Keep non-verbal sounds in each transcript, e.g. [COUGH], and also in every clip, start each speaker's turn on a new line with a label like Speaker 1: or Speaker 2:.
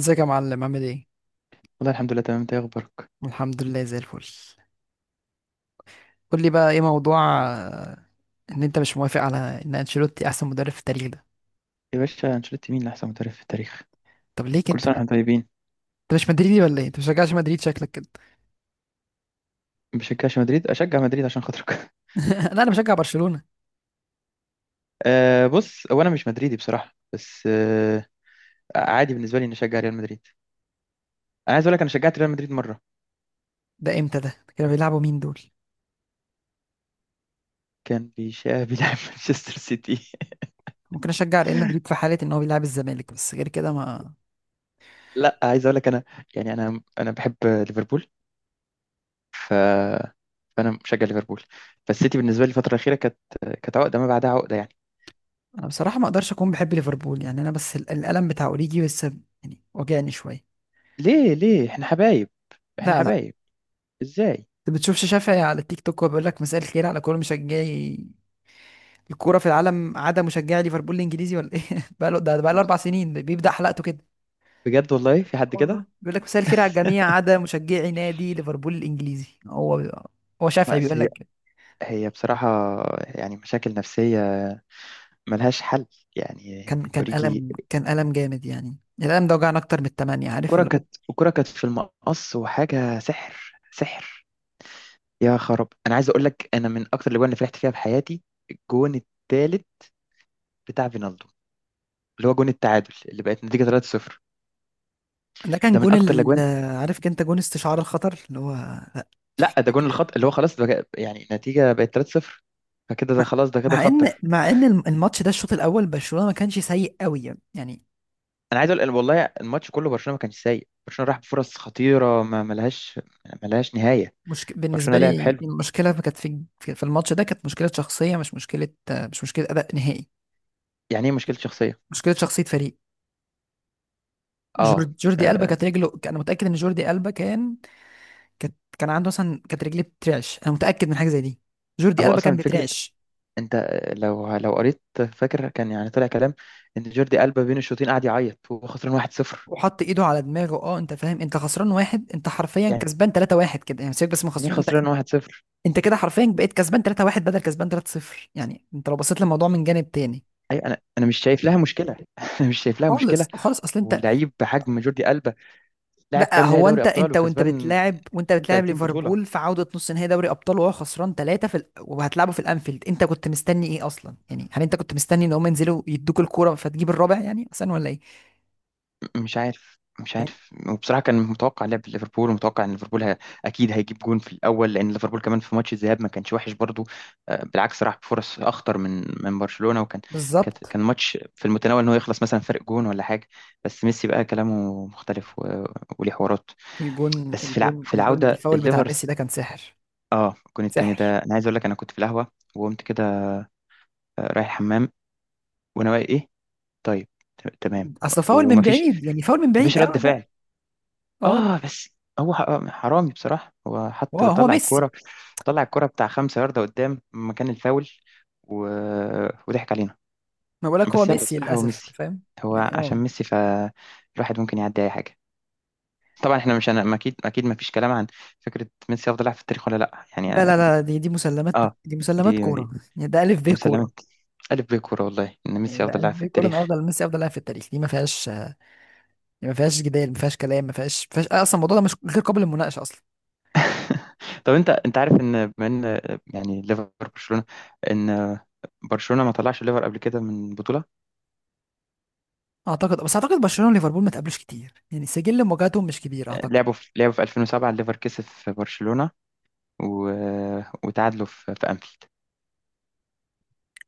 Speaker 1: ازيك يا معلم، عامل ايه؟
Speaker 2: والله الحمد لله، تمام. انت ايه اخبارك؟
Speaker 1: الحمد لله زي الفل. قول لي بقى ايه موضوع ان انت مش موافق على ان انشيلوتي احسن مدرب في التاريخ ده؟
Speaker 2: يا باشا، انشيلوتي مين اللي احسن مدرب في التاريخ؟
Speaker 1: طب ليه
Speaker 2: كل
Speaker 1: كده؟
Speaker 2: سنه واحنا طيبين.
Speaker 1: انت مش مدريدي ولا ايه؟ انت بتشجعش مدريد، شكلك كده.
Speaker 2: ما بشجعش مدريد، اشجع مدريد عشان خاطرك. [LAUGHS]
Speaker 1: [LAUGHS] لا، انا بشجع برشلونة.
Speaker 2: بص، هو انا مش مدريدي بصراحه، بس عادي بالنسبه لي اني اشجع ريال مدريد. انا عايز اقول لك، انا شجعت ريال مدريد مره.
Speaker 1: ده امتى ده؟ كانوا بيلعبوا مين دول؟
Speaker 2: كان بيشا بيلعب [LAUGHS] مانشستر سيتي [LAUGHS]
Speaker 1: ممكن اشجع ريال مدريد في حالة ان هو بيلعب الزمالك، بس غير كده ما
Speaker 2: لا، عايز اقول لك انا، يعني انا بحب ليفربول، ف فانا مشجع ليفربول. فالسيتي بالنسبه لي الفتره الاخيره كانت عقده ما بعدها عقده، يعني.
Speaker 1: انا بصراحة ما اقدرش اكون بحب ليفربول، يعني انا بس الالم بتاع اوريجي بس، يعني وجعني شوية.
Speaker 2: ليه احنا حبايب؟ احنا
Speaker 1: لا، لا.
Speaker 2: حبايب، ازاي؟
Speaker 1: انت بتشوفش شافعي على التيك توك وبيقول لك مساء الخير على كل مشجعي الكوره في العالم عدا مشجعي ليفربول الانجليزي ولا ايه؟ [LAUGHS] بقى له 4 سنين بيبدا حلقته كده.
Speaker 2: بجد والله في حد
Speaker 1: والله
Speaker 2: كده؟
Speaker 1: بيقول لك مساء الخير على الجميع عدا مشجعي نادي ليفربول الانجليزي، هو شافعي
Speaker 2: بس
Speaker 1: بيقول
Speaker 2: هي
Speaker 1: لك كده.
Speaker 2: هي بصراحة، يعني مشاكل نفسية ملهاش حل، يعني.
Speaker 1: كان كان
Speaker 2: أوريجي.
Speaker 1: الم كان الم جامد يعني. الالم ده وجعنا اكتر من الثمانيه، عارف اللي هو،
Speaker 2: الكرة كانت في المقص وحاجة، سحر سحر. يا خراب، أنا عايز أقول لك، أنا من أكتر الأجوان اللي فرحت فيها بحياتي، الجون التالت بتاع فينالدو، اللي هو جون التعادل اللي بقت نتيجة 3-0.
Speaker 1: ده كان
Speaker 2: ده من
Speaker 1: جون
Speaker 2: أكتر
Speaker 1: ال...
Speaker 2: الأجوان.
Speaker 1: عارف انت جون استشعار الخطر اللي هو
Speaker 2: لا،
Speaker 1: [LAUGHS]
Speaker 2: ده
Speaker 1: كده
Speaker 2: جون
Speaker 1: كده.
Speaker 2: الخط، اللي هو خلاص بقى، يعني النتيجة بقت 3-0، فكده ده
Speaker 1: مع
Speaker 2: خلاص، ده كده
Speaker 1: مع ان
Speaker 2: خطر.
Speaker 1: مع ان الماتش ده الشوط الاول برشلونه ما كانش سيء قوي، يعني
Speaker 2: انا عايز اقول، والله الماتش كله برشلونه ما كانش سيء، برشلونه راح بفرص خطيره ما ملهاش نهايه.
Speaker 1: مشك... بالنسبة
Speaker 2: برشلونة لعب
Speaker 1: لي
Speaker 2: حلو.
Speaker 1: المشكلة كانت في الماتش ده، كانت مشكلة شخصية، مش مشكلة أداء نهائي.
Speaker 2: يعني ايه مشكلة شخصية؟
Speaker 1: مشكلة شخصية فريق.
Speaker 2: اه،
Speaker 1: جورد... جوردي ألبا
Speaker 2: آه،
Speaker 1: كانت رجله، أنا متأكد إن جوردي ألبا كان، كان عنده مثلا، كانت رجليه بترعش، أنا متأكد من حاجة زي دي. جوردي
Speaker 2: هو
Speaker 1: ألبا كان
Speaker 2: اصلا فكرة،
Speaker 1: بيترعش،
Speaker 2: انت لو قريت، فاكر كان يعني طلع كلام ان جوردي ألبا بين الشوطين قعد يعيط وهو خسران 1-0.
Speaker 1: وحط إيده على دماغه. أه، أنت فاهم؟ أنت خسران واحد، أنت حرفيا
Speaker 2: يعني
Speaker 1: كسبان 3-1 كده يعني، سيبك بس من
Speaker 2: ايه
Speaker 1: خسران أنت.
Speaker 2: خسران 1-0؟
Speaker 1: كده حرفيا بقيت كسبان 3-1 بدل كسبان 3-0، يعني أنت لو بصيت للموضوع من جانب تاني.
Speaker 2: اي انا مش شايف لها مشكلة. [LAUGHS] انا مش شايف لها مشكلة،
Speaker 1: خالص خالص اصل انت.
Speaker 2: ولعيب بحجم جوردي ألبا، لاعب
Speaker 1: لا،
Speaker 2: كام نهائي
Speaker 1: هو
Speaker 2: دوري
Speaker 1: انت
Speaker 2: ابطال
Speaker 1: انت
Speaker 2: وكسبان
Speaker 1: وانت بتلاعب
Speaker 2: 30 بطولة.
Speaker 1: ليفربول في عودة نص نهائي دوري ابطال وهو خسران ثلاثة في ال... وهتلعبه في الانفيلد، انت كنت مستني ايه اصلا يعني؟ هل انت كنت مستني ان هم ينزلوا يدوك الكورة فتجيب الرابع يعني اصلا، ولا ايه؟
Speaker 2: مش عارف، مش
Speaker 1: يعني
Speaker 2: عارف، وبصراحه كان متوقع لعب ليفربول، ومتوقع ان ليفربول اكيد هيجيب جون في الاول، لان ليفربول كمان في ماتش الذهاب ما كانش وحش برضو. بالعكس، راح بفرص اخطر من برشلونه، وكان
Speaker 1: بالظبط.
Speaker 2: كان ماتش في المتناول ان هو يخلص مثلا فرق جون ولا حاجه. بس ميسي بقى كلامه مختلف، وليه حوارات. بس في
Speaker 1: الجون
Speaker 2: العوده
Speaker 1: الفاول بتاع ميسي
Speaker 2: الليفرز.
Speaker 1: ده كان سحر.
Speaker 2: اه، الجون التاني ده،
Speaker 1: سحر.
Speaker 2: انا عايز اقول لك، انا كنت في القهوه وقمت كده رايح الحمام، وانا واقي ايه. طيب، تمام.
Speaker 1: اصل فاول من
Speaker 2: ومفيش
Speaker 1: بعيد، يعني فاول من بعيد
Speaker 2: مفيش
Speaker 1: قوي
Speaker 2: رد
Speaker 1: ده.
Speaker 2: فعل.
Speaker 1: اه،
Speaker 2: اه بس هو حرامي بصراحة، هو
Speaker 1: هو هو
Speaker 2: طلع
Speaker 1: ميسي.
Speaker 2: الكورة، طلع الكورة بتاع 5 ياردة قدام مكان الفاول، و... وضحك علينا.
Speaker 1: ما بقولك هو
Speaker 2: بس يلا،
Speaker 1: ميسي
Speaker 2: بصراحة هو
Speaker 1: للاسف، انت
Speaker 2: ميسي،
Speaker 1: فاهم.
Speaker 2: هو
Speaker 1: يعني اه.
Speaker 2: عشان ميسي فالواحد ممكن يعدي أي حاجة. طبعا احنا مش، أنا أكيد أكيد ما فيش كلام عن فكرة ميسي أفضل لاعب في التاريخ ولا لأ،
Speaker 1: لا
Speaker 2: يعني.
Speaker 1: لا لا، دي مسلمات،
Speaker 2: اه،
Speaker 1: دي مسلمات
Speaker 2: دي
Speaker 1: كورة.
Speaker 2: دي
Speaker 1: يعني ده الف ب
Speaker 2: مسلمات.
Speaker 1: كورة.
Speaker 2: ألف بيه كورة، والله إن
Speaker 1: يعني
Speaker 2: ميسي
Speaker 1: ده،
Speaker 2: أفضل لاعب في
Speaker 1: ليه كورن،
Speaker 2: التاريخ.
Speaker 1: افضل ميسي افضل لاعب في التاريخ، دي ما فيهاش، دي ما فيهاش جدال، ما فيهاش كلام، ما فيهاش اصلا، الموضوع ده مش غير قابل للمناقشه اصلا.
Speaker 2: [LAUGHS] طب، أنت عارف إن، بما إن، يعني ليفر برشلونة، إن برشلونة ما طلعش ليفر قبل كده من بطولة.
Speaker 1: اعتقد برشلونه وليفربول ما تقابلوش كتير، يعني سجل مواجهاتهم مش كبير اعتقد.
Speaker 2: لعبوا في 2007 الليفر كسب في برشلونة، و... وتعادلوا في أنفيلد.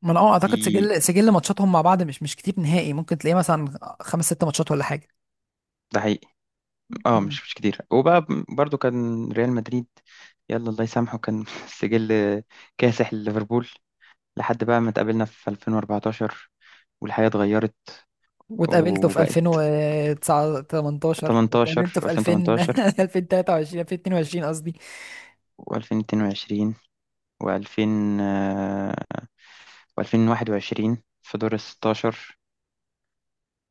Speaker 1: ما انا
Speaker 2: دي،
Speaker 1: اعتقد سجل، ماتشاتهم مع بعض مش كتير نهائي، ممكن تلاقيه مثلا خمس ست ماتشات ولا حاجه.
Speaker 2: ده حقيقي. اه،
Speaker 1: مم.
Speaker 2: مش كتير. وبقى برضو كان ريال مدريد، يلا الله يسامحه، كان [LAUGHS] سجل كاسح لليفربول، لحد بقى ما اتقابلنا في 2014 والحياة اتغيرت.
Speaker 1: واتقابلتوا في
Speaker 2: وبقت
Speaker 1: 2009، 18،
Speaker 2: 18
Speaker 1: واتقابلتوا في 2000،
Speaker 2: و2018
Speaker 1: 2023، 2022 [LAUGHS] قصدي.
Speaker 2: و2022 و2000 و2021 في دور ال 16.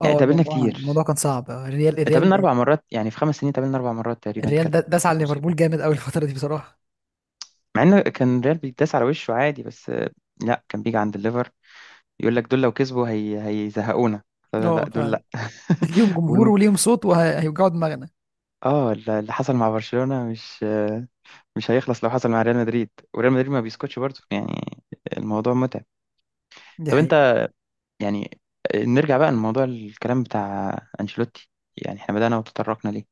Speaker 2: يعني
Speaker 1: اه،
Speaker 2: اتقابلنا
Speaker 1: الموضوع
Speaker 2: كتير،
Speaker 1: كان صعب، الريال
Speaker 2: اتقابلنا 4 مرات، يعني في 5 سنين اتقابلنا 4 مرات تقريبا.
Speaker 1: داس على
Speaker 2: كانت
Speaker 1: ليفربول
Speaker 2: مصيبه،
Speaker 1: جامد قوي الفتره دي بصراحه.
Speaker 2: مع ان كان ريال بيتداس على وشه عادي، بس لا، كان بيجي عند الليفر يقول لك دول لو كسبوا هي هيزهقونا. لا
Speaker 1: اه،
Speaker 2: لا دول لا.
Speaker 1: [LAUGHS] ليهم
Speaker 2: [LAUGHS]
Speaker 1: جمهور
Speaker 2: والم...
Speaker 1: وليهم صوت وهيوجعوا دماغنا.
Speaker 2: اه، اللي حصل مع برشلونه مش مش هيخلص لو حصل مع ريال مدريد، وريال مدريد ما بيسكتش برضه، يعني الموضوع متعب.
Speaker 1: دي
Speaker 2: طب
Speaker 1: حقيقة.
Speaker 2: انت، يعني نرجع بقى لموضوع الكلام بتاع انشيلوتي، يعني احنا بدأنا وتطرقنا ليه.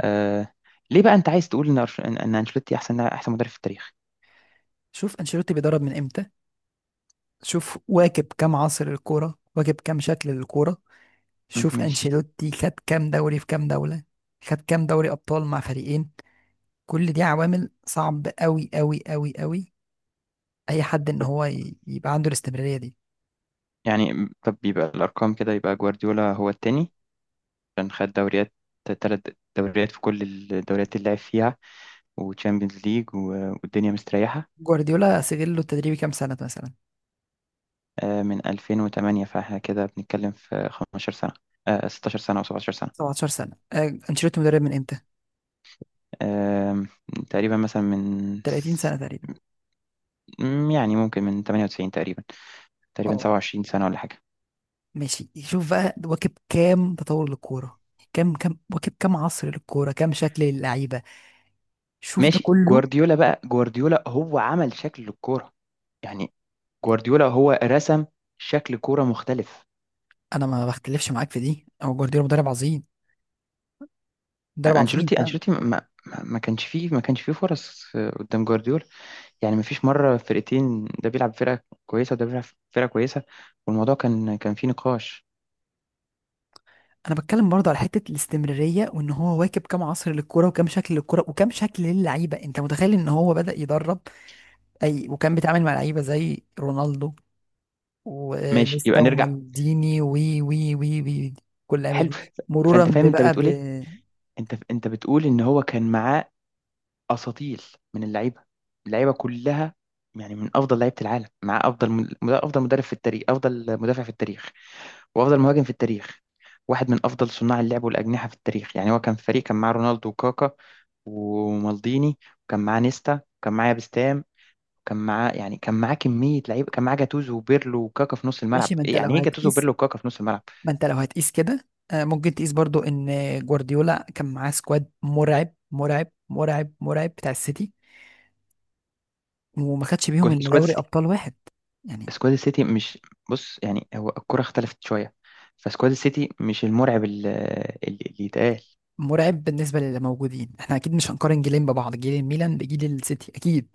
Speaker 2: آه... ليه بقى انت عايز تقول ان إن انشيلوتي احسن مدرب في التاريخ؟
Speaker 1: شوف، انشيلوتي بيدرب من امتى؟ شوف واكب كام عصر الكورة، واكب كام شكل للكورة. شوف
Speaker 2: ماشي.
Speaker 1: انشيلوتي خد كام دوري في كام دولة، خد كام دوري ابطال مع فريقين. كل دي عوامل صعب قوي قوي قوي قوي، اي حد ان هو يبقى عنده الاستمرارية دي.
Speaker 2: يعني طب، يبقى الأرقام كده يبقى جوارديولا هو التاني، عشان خد دوريات تلات، دوريات في كل الدوريات اللي لعب فيها، وتشامبيونز ليج والدنيا مستريحة.
Speaker 1: جوارديولا سجل له التدريبي كام سنة مثلا؟
Speaker 2: من 2008، فاحنا كده بنتكلم في 15 سنة، 16 سنة أو 17 سنة.
Speaker 1: 17 سنة. انشيلوتي مدرب من امتى؟
Speaker 2: آم، تقريبا مثلا
Speaker 1: 30 سنة تقريبا.
Speaker 2: يعني ممكن من 98 تقريبا،
Speaker 1: اه.
Speaker 2: 27 سنة ولا حاجة.
Speaker 1: ماشي، شوف بقى واكب كام تطور للكورة، كام واكب كام عصر للكورة، كام شكل للعيبة، شوف ده
Speaker 2: ماشي،
Speaker 1: كله.
Speaker 2: جوارديولا بقى، جوارديولا هو عمل شكل الكورة، يعني جوارديولا هو رسم شكل كورة مختلف.
Speaker 1: أنا ما بختلفش معاك في دي، هو جوارديولا مدرب عظيم، مدرب عظيم
Speaker 2: انشيلوتي
Speaker 1: فعلا.
Speaker 2: انشيلوتي ما كانش فيه فرص، قدام جوارديولا. يعني ما فيش مره فرقتين، ده بيلعب فرقه كويسه وده بيلعب فرقه كويسه، والموضوع كان فيه نقاش.
Speaker 1: أنا بتكلم برضه على حتة الاستمرارية، وإن هو واكب كام عصر للكورة، وكام شكل للكورة، وكام شكل للعيبة. أنت متخيل إن هو بدأ يدرب، أي، وكان بيتعامل مع لعيبة زي رونالدو
Speaker 2: ماشي،
Speaker 1: ونيستا
Speaker 2: يبقى نرجع.
Speaker 1: ومالديني وي وي وي وي كل اللعيبة
Speaker 2: حلو،
Speaker 1: دي، مرورا
Speaker 2: فانت فاهم انت
Speaker 1: ببقى.
Speaker 2: بتقول ايه. انت بتقول ان هو كان معاه اساطيل من اللعيبه، اللعيبه كلها. يعني من افضل لعيبه العالم، معاه افضل افضل مدرب في التاريخ، افضل مدافع في التاريخ، وافضل مهاجم في التاريخ، واحد من افضل صناع اللعب والاجنحه في التاريخ، يعني هو كان فريق. كان معاه رونالدو وكاكا ومالديني، وكان معاه نيستا، وكان معاه بستام، وكان معاه، يعني كان معاه كميه لعيبه، كان معاه جاتوزو وبيرلو وكاكا في نص الملعب.
Speaker 1: ماشي،
Speaker 2: إيه يعني ايه جاتوزو وبيرلو وكاكا في نص الملعب؟
Speaker 1: ما انت لو هتقيس كده، آه، ممكن تقيس برضو ان جوارديولا كان معاه سكواد مرعب مرعب مرعب مرعب بتاع السيتي، وما خدش بيهم الا
Speaker 2: سكواد
Speaker 1: دوري
Speaker 2: السيتي،
Speaker 1: ابطال واحد. يعني
Speaker 2: سكواد السيتي مش، بص يعني هو الكره اختلفت شويه، فسكواد السيتي مش المرعب اللي يتقال.
Speaker 1: مرعب بالنسبه للي موجودين، احنا اكيد مش هنقارن جيلين ببعض، جيل الميلان بجيل السيتي اكيد،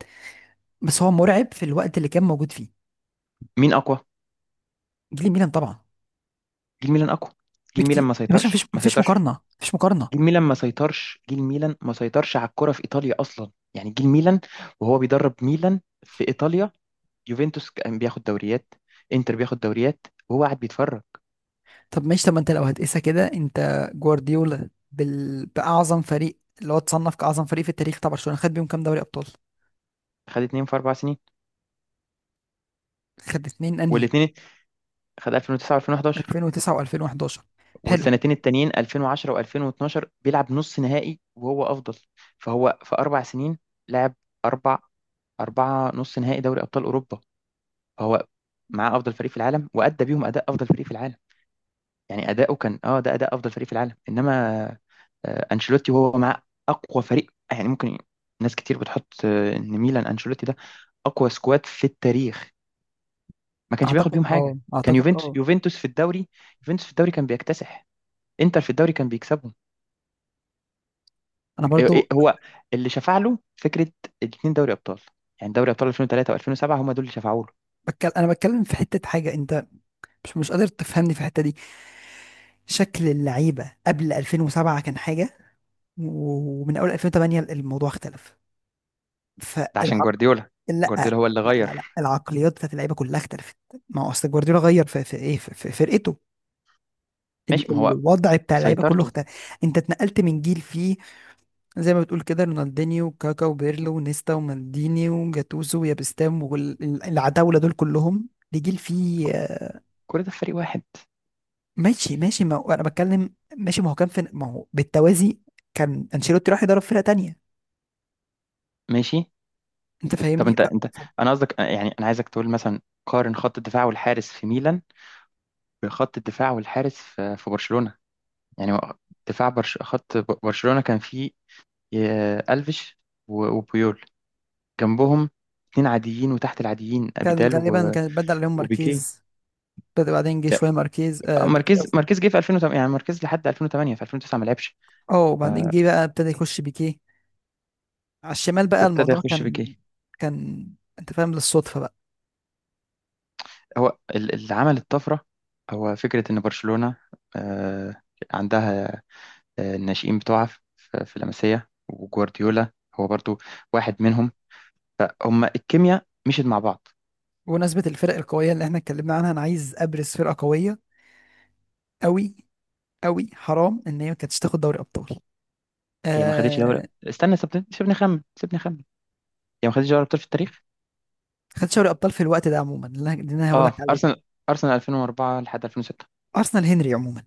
Speaker 1: بس هو مرعب في الوقت اللي كان موجود فيه.
Speaker 2: مين اقوى؟
Speaker 1: جيل الميلان طبعا،
Speaker 2: جيل ميلان اقوى. جيل
Speaker 1: بكتير.
Speaker 2: ميلان ما
Speaker 1: يا باشا، مفيش
Speaker 2: سيطرش، ما
Speaker 1: مفيش
Speaker 2: سيطرش.
Speaker 1: مقارنه، مفيش مقارنه.
Speaker 2: جيل ميلان ما سيطرش على الكرة في إيطاليا أصلا، يعني جيل ميلان وهو بيدرب ميلان في إيطاليا، يوفنتوس كان بياخد دوريات، إنتر بياخد دوريات وهو قاعد بيتفرج.
Speaker 1: طب ماشي ما انت لو هتقيسها كده، انت جوارديولا بال... باعظم فريق اللي هو اتصنف كاعظم فريق في التاريخ طبعا، برشلونه خد بيهم كام دوري ابطال؟
Speaker 2: خد اتنين في أربع سنين،
Speaker 1: خد اتنين انهي؟
Speaker 2: والاتنين خد 2009 و2011،
Speaker 1: 2009 و2011. حلو.
Speaker 2: والسنتين التانيين 2010 و2012 بيلعب نص نهائي وهو أفضل. فهو في أربع سنين لعب أربع أربعة نص نهائي دوري أبطال أوروبا، فهو معاه أفضل فريق في العالم، وأدى بيهم أداء أفضل فريق في العالم. يعني أداؤه كان، اه، ده أداء أفضل فريق في العالم. إنما انشيلوتي وهو مع اقوى فريق، يعني ممكن، ناس كتير بتحط ان ميلان انشيلوتي ده اقوى سكواد في التاريخ، ما كانش بياخد بيهم حاجه. كان
Speaker 1: اعتقد اه،
Speaker 2: يوفنتوس في الدوري، يوفنتوس في الدوري كان بيكتسح، انتر في الدوري كان بيكسبهم.
Speaker 1: انا
Speaker 2: إيه،
Speaker 1: برضو.
Speaker 2: هو اللي شفع له فكره الاثنين دوري ابطال، يعني دوري ابطال 2003 و2007 هم دول اللي شفعوا له.
Speaker 1: بتكلم في حتة حاجة، انت مش قادر تفهمني في الحتة دي. شكل اللعيبة قبل 2007 كان حاجة، ومن اول 2008 الموضوع اختلف.
Speaker 2: ده عشان
Speaker 1: فالعق
Speaker 2: جوارديولا،
Speaker 1: لا
Speaker 2: جوارديولا هو اللي
Speaker 1: لا
Speaker 2: غير.
Speaker 1: لا لا، العقليات بتاعت اللعيبة كلها اختلفت. ما هو اصل جوارديولا غير في، في فرقته،
Speaker 2: ماشي، ما هو
Speaker 1: الوضع بتاع اللعيبة كله
Speaker 2: سيطرته،
Speaker 1: اختلف. انت اتنقلت من جيل فيه، زي ما بتقول كده، رونالدينيو وكاكا وبيرلو ونيستا ومالديني وجاتوزو ويابستام والعتاولة دول كلهم، دي جيل فيه
Speaker 2: كل ده في فريق واحد.
Speaker 1: ماشي ماشي ما هو- انا بتكلم، ماشي، ما هو كان في، ما هو بالتوازي كان انشيلوتي راح يدرب فرقة تانية.
Speaker 2: ماشي،
Speaker 1: انت
Speaker 2: طب
Speaker 1: فاهمني
Speaker 2: انت، انا قصدك، يعني انا عايزك تقول مثلا قارن خط الدفاع والحارس في ميلان بخط الدفاع والحارس في برشلونة. يعني برشلونة كان فيه ألفيش وبيول، جنبهم اتنين عاديين وتحت العاديين،
Speaker 1: كان
Speaker 2: أبيدال
Speaker 1: غالبا
Speaker 2: و...
Speaker 1: كان بدأ عليهم
Speaker 2: وبيكيه.
Speaker 1: ماركيز، بدأ بعدين جه
Speaker 2: لا،
Speaker 1: شوية ماركيز، بيكي قصدي.
Speaker 2: ماركيز جه في 2008، يعني ماركيز لحد 2008، في 2009 ما لعبش،
Speaker 1: اه، وبعدين جه بقى ابتدى يخش بيكي على الشمال، بقى
Speaker 2: فابتدى
Speaker 1: الموضوع
Speaker 2: يخش
Speaker 1: كان،
Speaker 2: بيكيه.
Speaker 1: كان انت فاهم، للصدفة بقى.
Speaker 2: هو اللي عمل الطفرة هو فكرة إن برشلونة آه، عندها الناشئين بتوعها في لاماسيا، وجوارديولا هو برضو واحد منهم، فهم الكيمياء مشيت مع بعض.
Speaker 1: بمناسبة الفرق القوية اللي احنا اتكلمنا عنها، انا عايز ابرز فرقة قوية قوي قوي، حرام ان هي ما كانتش تاخد دوري ابطال.
Speaker 2: هي ما خدتش دوري.
Speaker 1: آه،
Speaker 2: استنى، سيبني اخمن، هي ما خدتش دوري ابطال في التاريخ.
Speaker 1: خدت دوري ابطال في الوقت ده عموما، اللي أنا هقول
Speaker 2: اه،
Speaker 1: لك عليه ده،
Speaker 2: ارسنال 2004 لحد 2006.
Speaker 1: ارسنال، هنري عموما.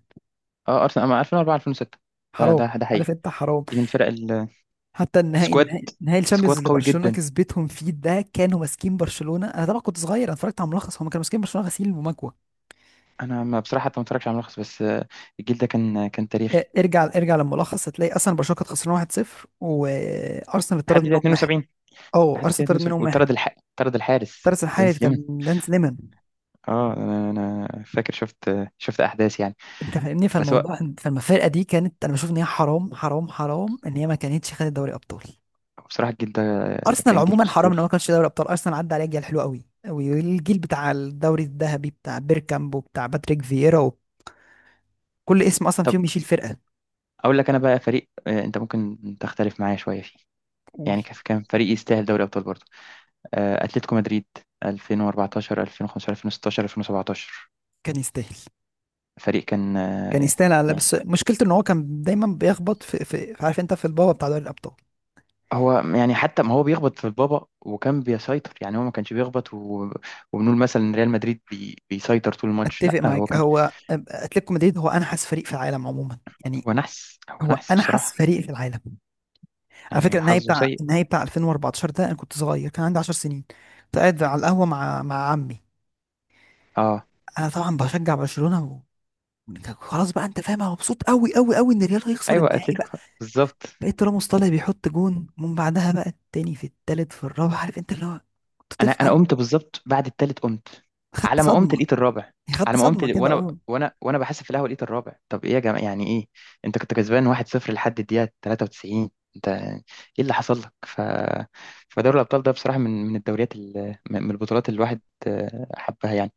Speaker 2: اه، ارسنال أما 2004، 2006،
Speaker 1: حرام،
Speaker 2: ده
Speaker 1: عارف
Speaker 2: حقيقي،
Speaker 1: انت، حرام.
Speaker 2: دي من فرق السكواد.
Speaker 1: حتى النهائي،
Speaker 2: سكواد
Speaker 1: نهائي الشامبيونز
Speaker 2: سكواد
Speaker 1: اللي
Speaker 2: قوي
Speaker 1: برشلونه
Speaker 2: جدا.
Speaker 1: كسبتهم فيه ده، كانوا ماسكين برشلونه، انا طبعا كنت صغير انا اتفرجت على الملخص، هم كانوا ماسكين برشلونه غسيل ومكوى.
Speaker 2: انا، ما بصراحه حتى ما اتفرجش على ملخص، بس الجيل ده كان
Speaker 1: آه،
Speaker 2: تاريخي.
Speaker 1: ارجع، للملخص هتلاقي اصلا برشلونه كانت خسرانه 1-0 وارسنال
Speaker 2: لحد
Speaker 1: اتطرد
Speaker 2: دقيقه
Speaker 1: منهم واحد.
Speaker 2: 72،
Speaker 1: اه، ارسنال اتطرد منهم واحد،
Speaker 2: وطرد طرد الحارس
Speaker 1: الثالث الحارس،
Speaker 2: ينس ليمن.
Speaker 1: كان دانس ليمون.
Speaker 2: اه، أنا فاكر، شفت احداث، يعني.
Speaker 1: انت فاهمني،
Speaker 2: بس هو
Speaker 1: فالمفارقه دي كانت، انا بشوف ان هي حرام حرام حرام، ان هي ما كانتش خدت دوري ابطال.
Speaker 2: بصراحه الجيل ده
Speaker 1: ارسنال
Speaker 2: كان جيل
Speaker 1: عموما حرام ان هو
Speaker 2: اسطوري.
Speaker 1: ما كانش دوري ابطال، ارسنال عدى عليه جيل حلو قوي، والجيل بتاع الدوري الذهبي بتاع بيركامب وبتاع باتريك فييرا، وكل اسم اصلا
Speaker 2: طب،
Speaker 1: فيهم يشيل فرقه.
Speaker 2: اقول لك انا بقى فريق، انت ممكن تختلف معايا شويه،
Speaker 1: قول.
Speaker 2: يعني كان فريق يستاهل دوري ابطال برضه، اتلتيكو مدريد 2014، 2015، 2016، 2017.
Speaker 1: كان يستاهل
Speaker 2: فريق كان
Speaker 1: كان يستاهل، على بس
Speaker 2: يعني
Speaker 1: مشكلته ان هو كان دايما بيخبط في، عارف انت، في البابا بتاع دوري الابطال.
Speaker 2: هو، يعني حتى ما هو بيخبط في البابا وكان بيسيطر، يعني هو ما كانش بيخبط، و... وبنقول مثلا ان ريال مدريد بيسيطر طول الماتش، لا
Speaker 1: اتفق
Speaker 2: هو
Speaker 1: معاك،
Speaker 2: كان،
Speaker 1: هو اتلتيكو مدريد هو انحس فريق في العالم عموما، يعني
Speaker 2: هو نحس، هو
Speaker 1: هو
Speaker 2: نحس
Speaker 1: انحس
Speaker 2: بصراحة،
Speaker 1: فريق في العالم. على فكره
Speaker 2: يعني
Speaker 1: النهائي
Speaker 2: حظه
Speaker 1: بتاع،
Speaker 2: سيء.
Speaker 1: 2014 ده، انا كنت صغير كان عندي 10 سنين، كنت قاعد على القهوه مع عمي.
Speaker 2: اه،
Speaker 1: انا طبعا بشجع برشلونه و... خلاص بقى، انت فاهم انا مبسوط قوي قوي قوي ان الريال هيخسر
Speaker 2: ايوه،
Speaker 1: النهائي بقى.
Speaker 2: اتلتيكو بالظبط.
Speaker 1: لقيت راموس طالع بيحط جون ومن بعدها بقى التاني في التالت في الرابع، عارف انت اللي هو، كنت
Speaker 2: انا
Speaker 1: طفل،
Speaker 2: انا
Speaker 1: عارف؟
Speaker 2: قمت بالظبط بعد التالت، قمت،
Speaker 1: خدت
Speaker 2: على ما قمت
Speaker 1: صدمه،
Speaker 2: لقيت الرابع.
Speaker 1: يعني خدت
Speaker 2: على ما قمت
Speaker 1: صدمه
Speaker 2: ل-
Speaker 1: كده
Speaker 2: وانا
Speaker 1: اه.
Speaker 2: وانا وانا بحاسب في القهوه لقيت الرابع. طب ايه يا جماعه، يعني ايه؟ انت كنت كسبان 1-0 لحد الدقيقه 93! انت ايه اللي حصل لك؟ فدوري الابطال ده بصراحه، من الدوريات، من البطولات اللي الواحد حبها، يعني.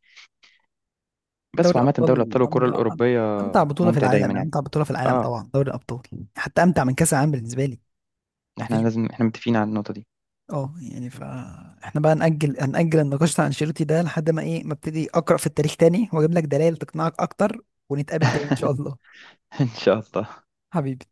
Speaker 2: بس
Speaker 1: دوري
Speaker 2: وعامه، دوري
Speaker 1: الابطال
Speaker 2: الابطال والكره
Speaker 1: امتع،
Speaker 2: الاوروبيه
Speaker 1: امتع بطوله في
Speaker 2: ممتع دايما،
Speaker 1: العالم،
Speaker 2: يعني.
Speaker 1: امتع بطوله في العالم
Speaker 2: اه،
Speaker 1: طبعا دوري الابطال، حتى امتع من كاس العالم بالنسبه لي، يعني
Speaker 2: احنا
Speaker 1: مفيش.
Speaker 2: لازم، احنا متفقين على النقطه دي.
Speaker 1: اه، يعني فاحنا بقى هنأجل النقاش بتاع انشيلوتي ده لحد ما ما ابتدي اقرأ في التاريخ تاني واجيب لك دلائل تقنعك اكتر، ونتقابل تاني ان شاء الله.
Speaker 2: [LAUGHS] ان شاء الله.
Speaker 1: حبيبي.